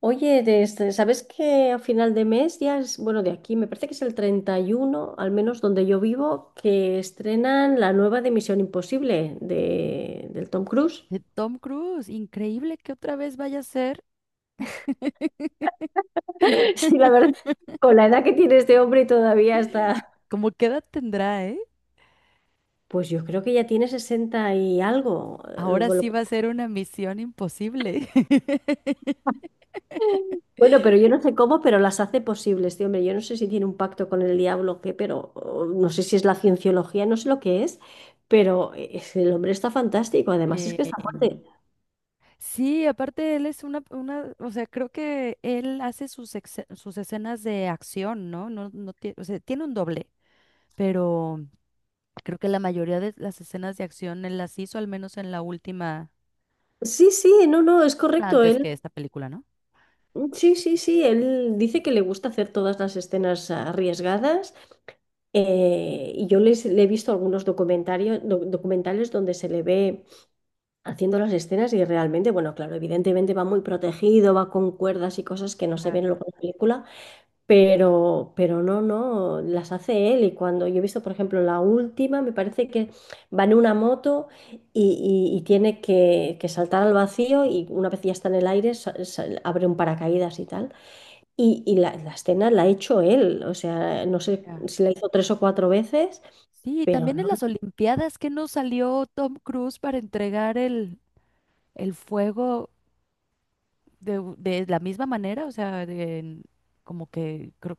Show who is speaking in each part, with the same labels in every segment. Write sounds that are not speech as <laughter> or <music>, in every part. Speaker 1: Oye, ¿sabes que a final de mes ya es, bueno, de aquí, me parece que es el 31, al menos donde yo vivo, que estrenan la nueva de Misión Imposible del Tom Cruise?
Speaker 2: De Tom Cruise, increíble que otra vez vaya a ser. <laughs>
Speaker 1: <laughs> Sí, la verdad, con la edad que tiene este hombre todavía está,
Speaker 2: ¿Como qué edad tendrá, eh?
Speaker 1: pues yo creo que ya tiene 60 y algo.
Speaker 2: Ahora sí va a ser una misión imposible. <laughs>
Speaker 1: Bueno, pero yo no sé cómo, pero las hace posibles, este hombre. Yo no sé si tiene un pacto con el diablo o qué, pero o no sé si es la cienciología, no sé lo que es, pero el hombre está fantástico, además es
Speaker 2: Eh,
Speaker 1: que está fuerte.
Speaker 2: sí, aparte él es una, o sea, creo que él hace sus escenas de acción, ¿no? No tiene, o sea, tiene un doble, pero creo que la mayoría de las escenas de acción él las hizo, al menos en la última,
Speaker 1: Sí, sí, no, no, es
Speaker 2: una
Speaker 1: correcto.
Speaker 2: antes
Speaker 1: Él,
Speaker 2: que esta película, ¿no?
Speaker 1: mm, sí, sí, sí, él dice que le gusta hacer todas las escenas arriesgadas y le he visto algunos documentales donde se le ve haciendo las escenas y realmente, bueno, claro, evidentemente va muy protegido, va con cuerdas y cosas que no se ven
Speaker 2: Claro.
Speaker 1: luego en la película, pero no, no, las hace él. Y cuando yo he visto, por ejemplo, la última, me parece que va en una moto y tiene que saltar al vacío y una vez ya está en el aire, abre un paracaídas y tal. Y la escena la ha hecho él. O sea, no sé
Speaker 2: Ya.
Speaker 1: si la hizo tres o cuatro veces,
Speaker 2: Sí,
Speaker 1: pero
Speaker 2: también en
Speaker 1: no,
Speaker 2: las Olimpiadas que nos salió Tom Cruise para entregar el fuego de la misma manera, o sea, como que creo-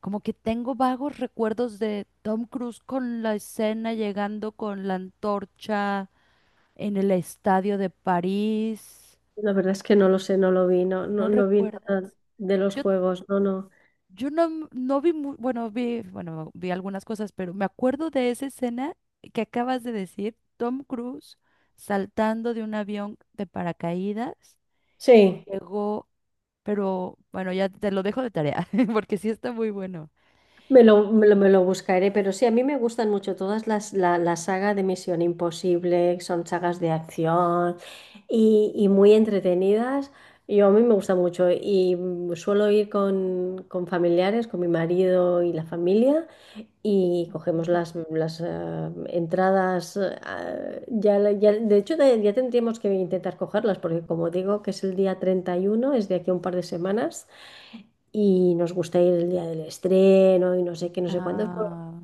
Speaker 2: como que tengo vagos recuerdos de Tom Cruise con la escena llegando con la antorcha en el estadio de París.
Speaker 1: la verdad es que no lo sé, no lo vi, no, no,
Speaker 2: ¿No
Speaker 1: no vi nada
Speaker 2: recuerdas?
Speaker 1: de los
Speaker 2: Yo
Speaker 1: juegos, no, no.
Speaker 2: Yo no vi, bueno, bueno, vi algunas cosas, pero me acuerdo de esa escena que acabas de decir, Tom Cruise saltando de un avión de paracaídas,
Speaker 1: Sí.
Speaker 2: llegó, pero bueno, ya te lo dejo de tarea, <laughs> porque sí está muy bueno.
Speaker 1: Me lo buscaré, pero sí, a mí me gustan mucho todas la saga de Misión Imposible, son sagas de acción y muy entretenidas. Yo a mí me gusta mucho suelo ir con familiares, con mi marido y la familia y cogemos
Speaker 2: Ujú.
Speaker 1: las entradas. De hecho, ya tendríamos que intentar cogerlas porque como digo que es el día 31 es de aquí a un par de semanas y nos gusta ir el día del estreno y no sé qué, no sé cuántos.
Speaker 2: Ah,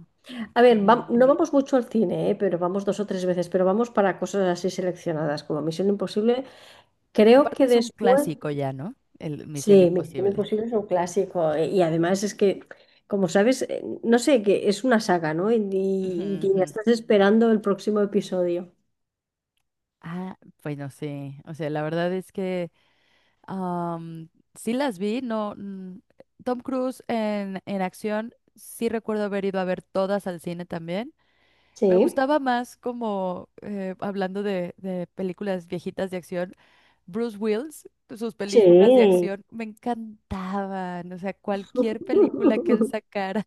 Speaker 1: A
Speaker 2: qué
Speaker 1: ver,
Speaker 2: bien.
Speaker 1: no vamos mucho al cine, ¿eh? Pero vamos dos o tres veces, pero vamos para cosas así seleccionadas como Misión Imposible. Creo
Speaker 2: Aparte
Speaker 1: que
Speaker 2: es un
Speaker 1: después,
Speaker 2: clásico ya, ¿no? El Misión
Speaker 1: sí, Misión
Speaker 2: Imposible.
Speaker 1: Imposible es un clásico y además es que, como sabes, no sé, que es una saga, ¿no?
Speaker 2: Ujú,
Speaker 1: Y ya
Speaker 2: ujú.
Speaker 1: estás esperando el próximo episodio.
Speaker 2: Ah, bueno, sí. O sea, la verdad es que Am, sí las vi, no. Tom Cruise en acción, sí recuerdo haber ido a ver todas al cine también. Me
Speaker 1: Sí,
Speaker 2: gustaba más como, hablando de películas viejitas de acción, Bruce Willis, sus películas de
Speaker 1: sí.
Speaker 2: acción me encantaban. O sea, cualquier película que él
Speaker 1: <laughs>
Speaker 2: sacara.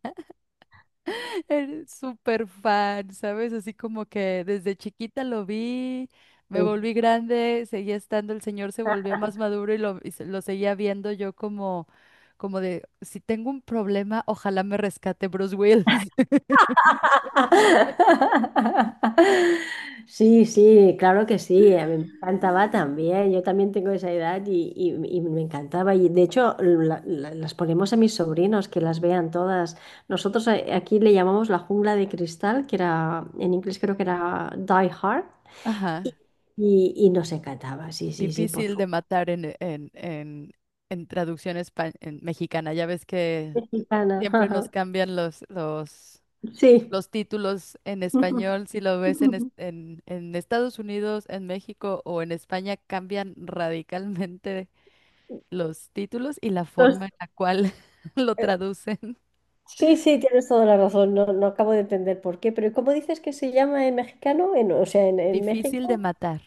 Speaker 2: Eres súper fan, ¿sabes? Así como que desde chiquita lo vi, me
Speaker 1: Sí.
Speaker 2: volví grande, seguía estando, el señor se volvió más maduro lo seguía viendo yo como de, si tengo un problema, ojalá me rescate Bruce Willis. <laughs>
Speaker 1: <laughs> Sí, sí, claro que sí, a mí me encantaba también, yo también tengo esa edad y me encantaba y de hecho las ponemos a mis sobrinos que las vean todas. Nosotros aquí le llamamos la jungla de cristal, que era en inglés creo que era Die Hard y,
Speaker 2: Ajá,
Speaker 1: y nos encantaba, sí, sí, sí, por
Speaker 2: difícil de
Speaker 1: supuesto.
Speaker 2: matar en traducción en mexicana, ya ves que
Speaker 1: Mexicana,
Speaker 2: siempre
Speaker 1: <laughs>
Speaker 2: nos
Speaker 1: ajá,
Speaker 2: cambian los, los,
Speaker 1: sí.
Speaker 2: los títulos en español,
Speaker 1: <laughs>
Speaker 2: si lo ves en Estados Unidos, en México o en España, cambian <laughs> radicalmente los títulos y la
Speaker 1: Los-
Speaker 2: forma en la cual <laughs> lo traducen.
Speaker 1: Sí, sí, tienes toda la razón. No, no acabo de entender por qué, pero ¿cómo dices que se llama en mexicano? O sea, en
Speaker 2: Difícil de
Speaker 1: México,
Speaker 2: matar.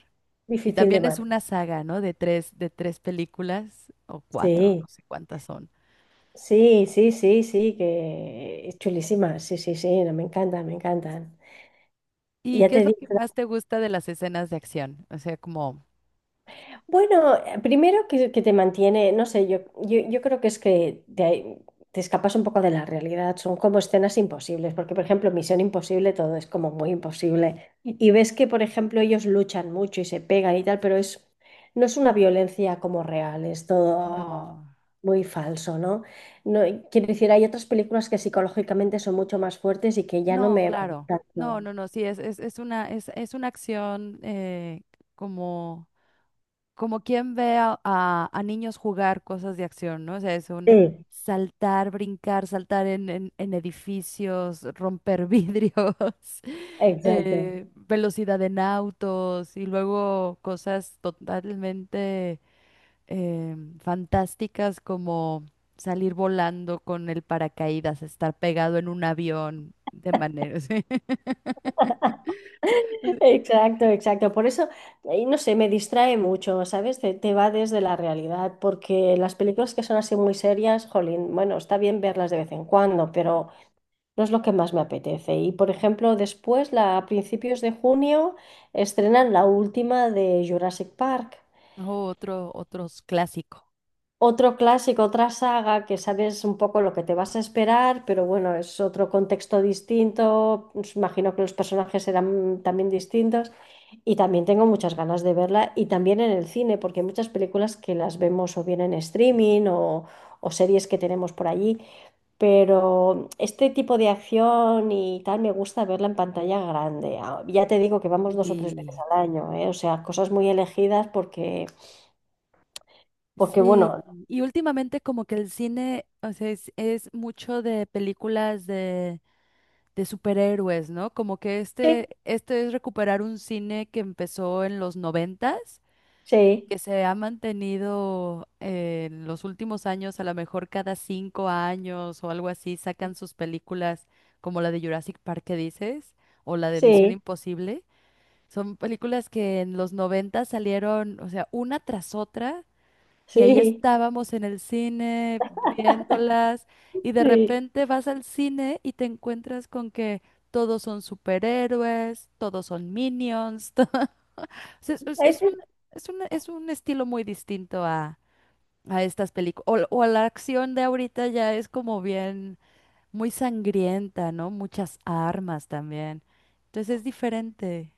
Speaker 2: Y
Speaker 1: difícil de
Speaker 2: también es
Speaker 1: matar.
Speaker 2: una saga, ¿no? De tres películas o cuatro, no
Speaker 1: Sí,
Speaker 2: sé cuántas son.
Speaker 1: sí, sí, sí, sí, que es chulísima. Sí, sí, sí, no, me encantan, me encantan. Y
Speaker 2: ¿Y
Speaker 1: ya
Speaker 2: qué es
Speaker 1: te
Speaker 2: lo
Speaker 1: digo.
Speaker 2: que más te gusta de las escenas de acción? O sea, como,
Speaker 1: Bueno, primero que te mantiene, no sé, yo creo que es que te escapas un poco de la realidad, son como escenas imposibles, porque por ejemplo, Misión Imposible todo es como muy imposible. Y ves que, por ejemplo, ellos luchan mucho y se pegan y tal, pero es, no es una violencia como real, es todo
Speaker 2: no,
Speaker 1: muy falso, ¿no? No, y quiero decir, hay otras películas que psicológicamente son mucho más fuertes y que ya no
Speaker 2: no,
Speaker 1: me van
Speaker 2: claro.
Speaker 1: tanto.
Speaker 2: No, no, no, sí, es una acción como como quien ve a niños jugar cosas de acción, ¿no? O sea, es un
Speaker 1: Sí,
Speaker 2: saltar, brincar, saltar en edificios, romper vidrios, <laughs>
Speaker 1: exacto.
Speaker 2: velocidad en autos y luego cosas totalmente fantásticas como salir volando con el paracaídas, estar pegado en un avión de manera, <laughs> sí.
Speaker 1: Exacto, exacto. Por eso, no sé, me distrae mucho, ¿sabes? Te va desde la realidad, porque las películas que son así muy serias, jolín, bueno, está bien verlas de vez en cuando, pero no es lo que más me apetece. Y, por ejemplo, después, a principios de junio, estrenan la última de Jurassic Park.
Speaker 2: O otros clásico.
Speaker 1: Otro clásico, otra saga que sabes un poco lo que te vas a esperar, pero bueno, es otro contexto distinto. Pues imagino que los personajes serán también distintos. Y también tengo muchas ganas de verla y también en el cine, porque hay muchas películas que las vemos o bien en streaming o series que tenemos por allí, pero este tipo de acción y tal me gusta verla en pantalla grande. Ah, ya te digo que vamos dos o tres veces
Speaker 2: Sí.
Speaker 1: al año, ¿eh? O sea, cosas muy elegidas porque, porque
Speaker 2: Sí,
Speaker 1: bueno,
Speaker 2: y últimamente como que el cine, o sea, es mucho de películas de superhéroes, ¿no? Como que
Speaker 1: sí,
Speaker 2: este es recuperar un cine que empezó en los noventas
Speaker 1: sí,
Speaker 2: que se ha mantenido en los últimos años, a lo mejor cada 5 años o algo así, sacan sus películas como la de Jurassic Park que dices, o la de Misión
Speaker 1: sí,
Speaker 2: Imposible. Son películas que en los noventas salieron, o sea, una tras otra y ahí
Speaker 1: sí,
Speaker 2: estábamos en el cine viéndolas y de
Speaker 1: sí.
Speaker 2: repente vas al cine y te encuentras con que todos son superhéroes, todos son minions. <laughs> O sea, Es, es-
Speaker 1: Es-
Speaker 2: es un, es un- es un estilo muy distinto a estas películas. O a la acción de ahorita ya es como bien, muy sangrienta, ¿no? Muchas armas también. Entonces es diferente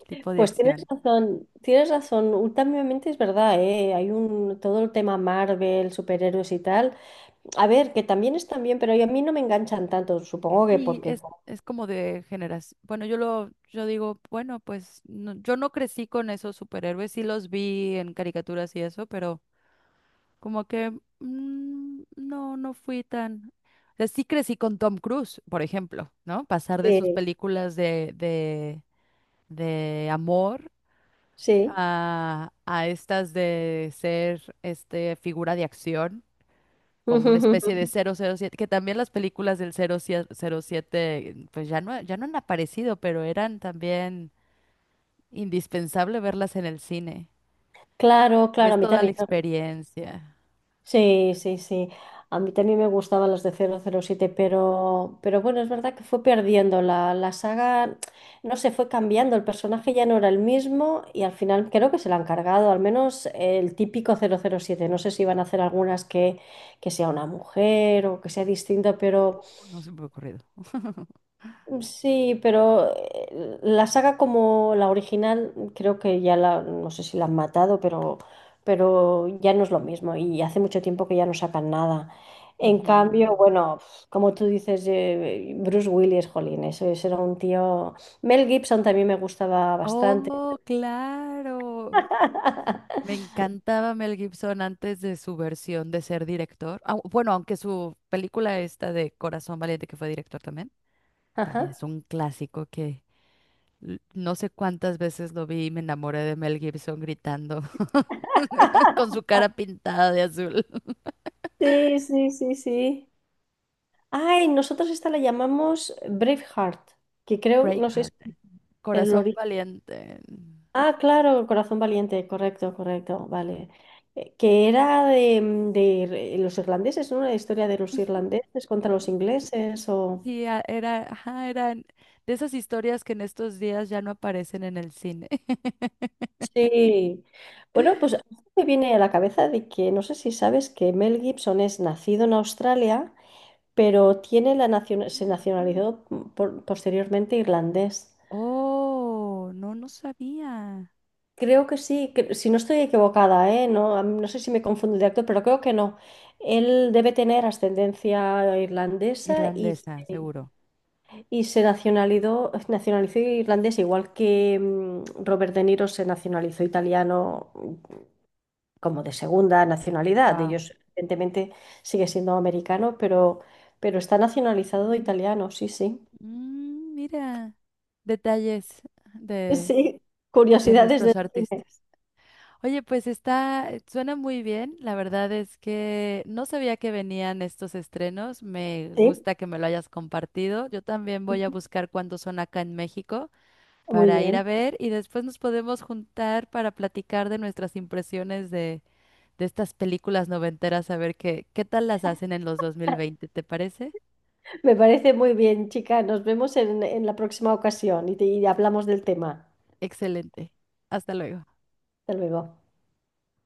Speaker 2: el tipo de
Speaker 1: Pues tienes
Speaker 2: acción.
Speaker 1: razón, tienes razón. Últimamente es verdad, ¿eh? Todo el tema Marvel, superhéroes y tal. A ver, que también están bien, pero a mí no me enganchan tanto, supongo que
Speaker 2: Y
Speaker 1: porque...
Speaker 2: es como de generación. Bueno, yo digo, bueno, pues yo no crecí con esos superhéroes, sí los vi en caricaturas y eso, pero como que no fui tan. O sea, sí crecí con Tom Cruise, por ejemplo, ¿no? Pasar de sus
Speaker 1: Sí,
Speaker 2: películas de amor
Speaker 1: sí.
Speaker 2: a estas de ser este figura de acción como una especie de
Speaker 1: <laughs>
Speaker 2: 007 que también las películas del 007 pues ya no han aparecido, pero eran también indispensable verlas en el cine.
Speaker 1: Claro, claro,
Speaker 2: Es
Speaker 1: a mí
Speaker 2: toda la
Speaker 1: también.
Speaker 2: experiencia.
Speaker 1: Sí, sí, sí. A mí también me gustaban las de 007, pero bueno, es verdad que fue perdiendo la saga, no sé, fue cambiando, el personaje ya no era el mismo y al final creo que se la han cargado, al menos el típico 007. No sé si van a hacer algunas que sea una mujer o que sea distinta, pero...
Speaker 2: Oh, no se me ha ocurrido.
Speaker 1: Sí, pero la saga como la original, creo que ya no sé si la han matado, pero ya no es lo mismo y hace mucho tiempo que ya no sacan nada. En
Speaker 2: Ujú.
Speaker 1: cambio, bueno, como tú dices, Bruce Willis, jolín, eso, ese era un tío. Mel Gibson también me gustaba bastante.
Speaker 2: Oh, claro. Me
Speaker 1: <laughs>
Speaker 2: encantaba Mel Gibson antes de su versión de ser director. Bueno, aunque su película esta de Corazón Valiente, que fue director también, también
Speaker 1: Ajá.
Speaker 2: es un clásico que no sé cuántas veces lo vi y me enamoré de Mel Gibson gritando <laughs> con su cara pintada de azul. <laughs>
Speaker 1: Sí, sí, sí, sí. Ay, nosotros esta la llamamos Braveheart, que creo, no sé, si-
Speaker 2: Braveheart,
Speaker 1: el
Speaker 2: Corazón
Speaker 1: origen.
Speaker 2: Valiente.
Speaker 1: Ah, claro, Corazón Valiente, correcto, correcto, vale. Que era de, mm, de los irlandeses, ¿no? Una historia de los irlandeses contra los ingleses o...
Speaker 2: Sí, ajá, eran de esas historias que en estos días ya no aparecen en el cine. <laughs>
Speaker 1: Sí. Bueno, pues a mí me viene a la cabeza de que no sé si sabes que Mel Gibson es nacido en Australia, pero tiene se
Speaker 2: Mm.
Speaker 1: nacionalizó posteriormente irlandés.
Speaker 2: Oh, no, no sabía.
Speaker 1: Creo que sí, que- si no estoy equivocada, ¿eh? No, a no sé si me confundo de actor, pero creo que no. Él debe tener ascendencia irlandesa
Speaker 2: Irlandesa, seguro.
Speaker 1: y se nacionalizó irlandés, igual que mm, Robert De Niro se nacionalizó italiano mm, como de segunda nacionalidad.
Speaker 2: Wow.
Speaker 1: Ellos, evidentemente, sigue siendo americano, pero está nacionalizado italiano, sí, sí.
Speaker 2: Mira, detalles
Speaker 1: <laughs>
Speaker 2: de,
Speaker 1: Sí,
Speaker 2: de
Speaker 1: curiosidades del
Speaker 2: nuestros
Speaker 1: cine.
Speaker 2: artistas. Oye, pues suena muy bien. La verdad es que no sabía que venían estos estrenos. Me
Speaker 1: Sí,
Speaker 2: gusta que me lo hayas compartido. Yo también voy a
Speaker 1: <laughs>
Speaker 2: buscar cuándo son acá en México
Speaker 1: muy
Speaker 2: para ir
Speaker 1: bien.
Speaker 2: a ver y después nos podemos juntar para platicar de nuestras impresiones de estas películas noventeras, a ver qué tal las hacen en los 2020. ¿Te parece?
Speaker 1: Me parece muy bien, chica. Nos vemos en la próxima ocasión y hablamos del tema.
Speaker 2: Excelente. Hasta luego.
Speaker 1: Hasta luego.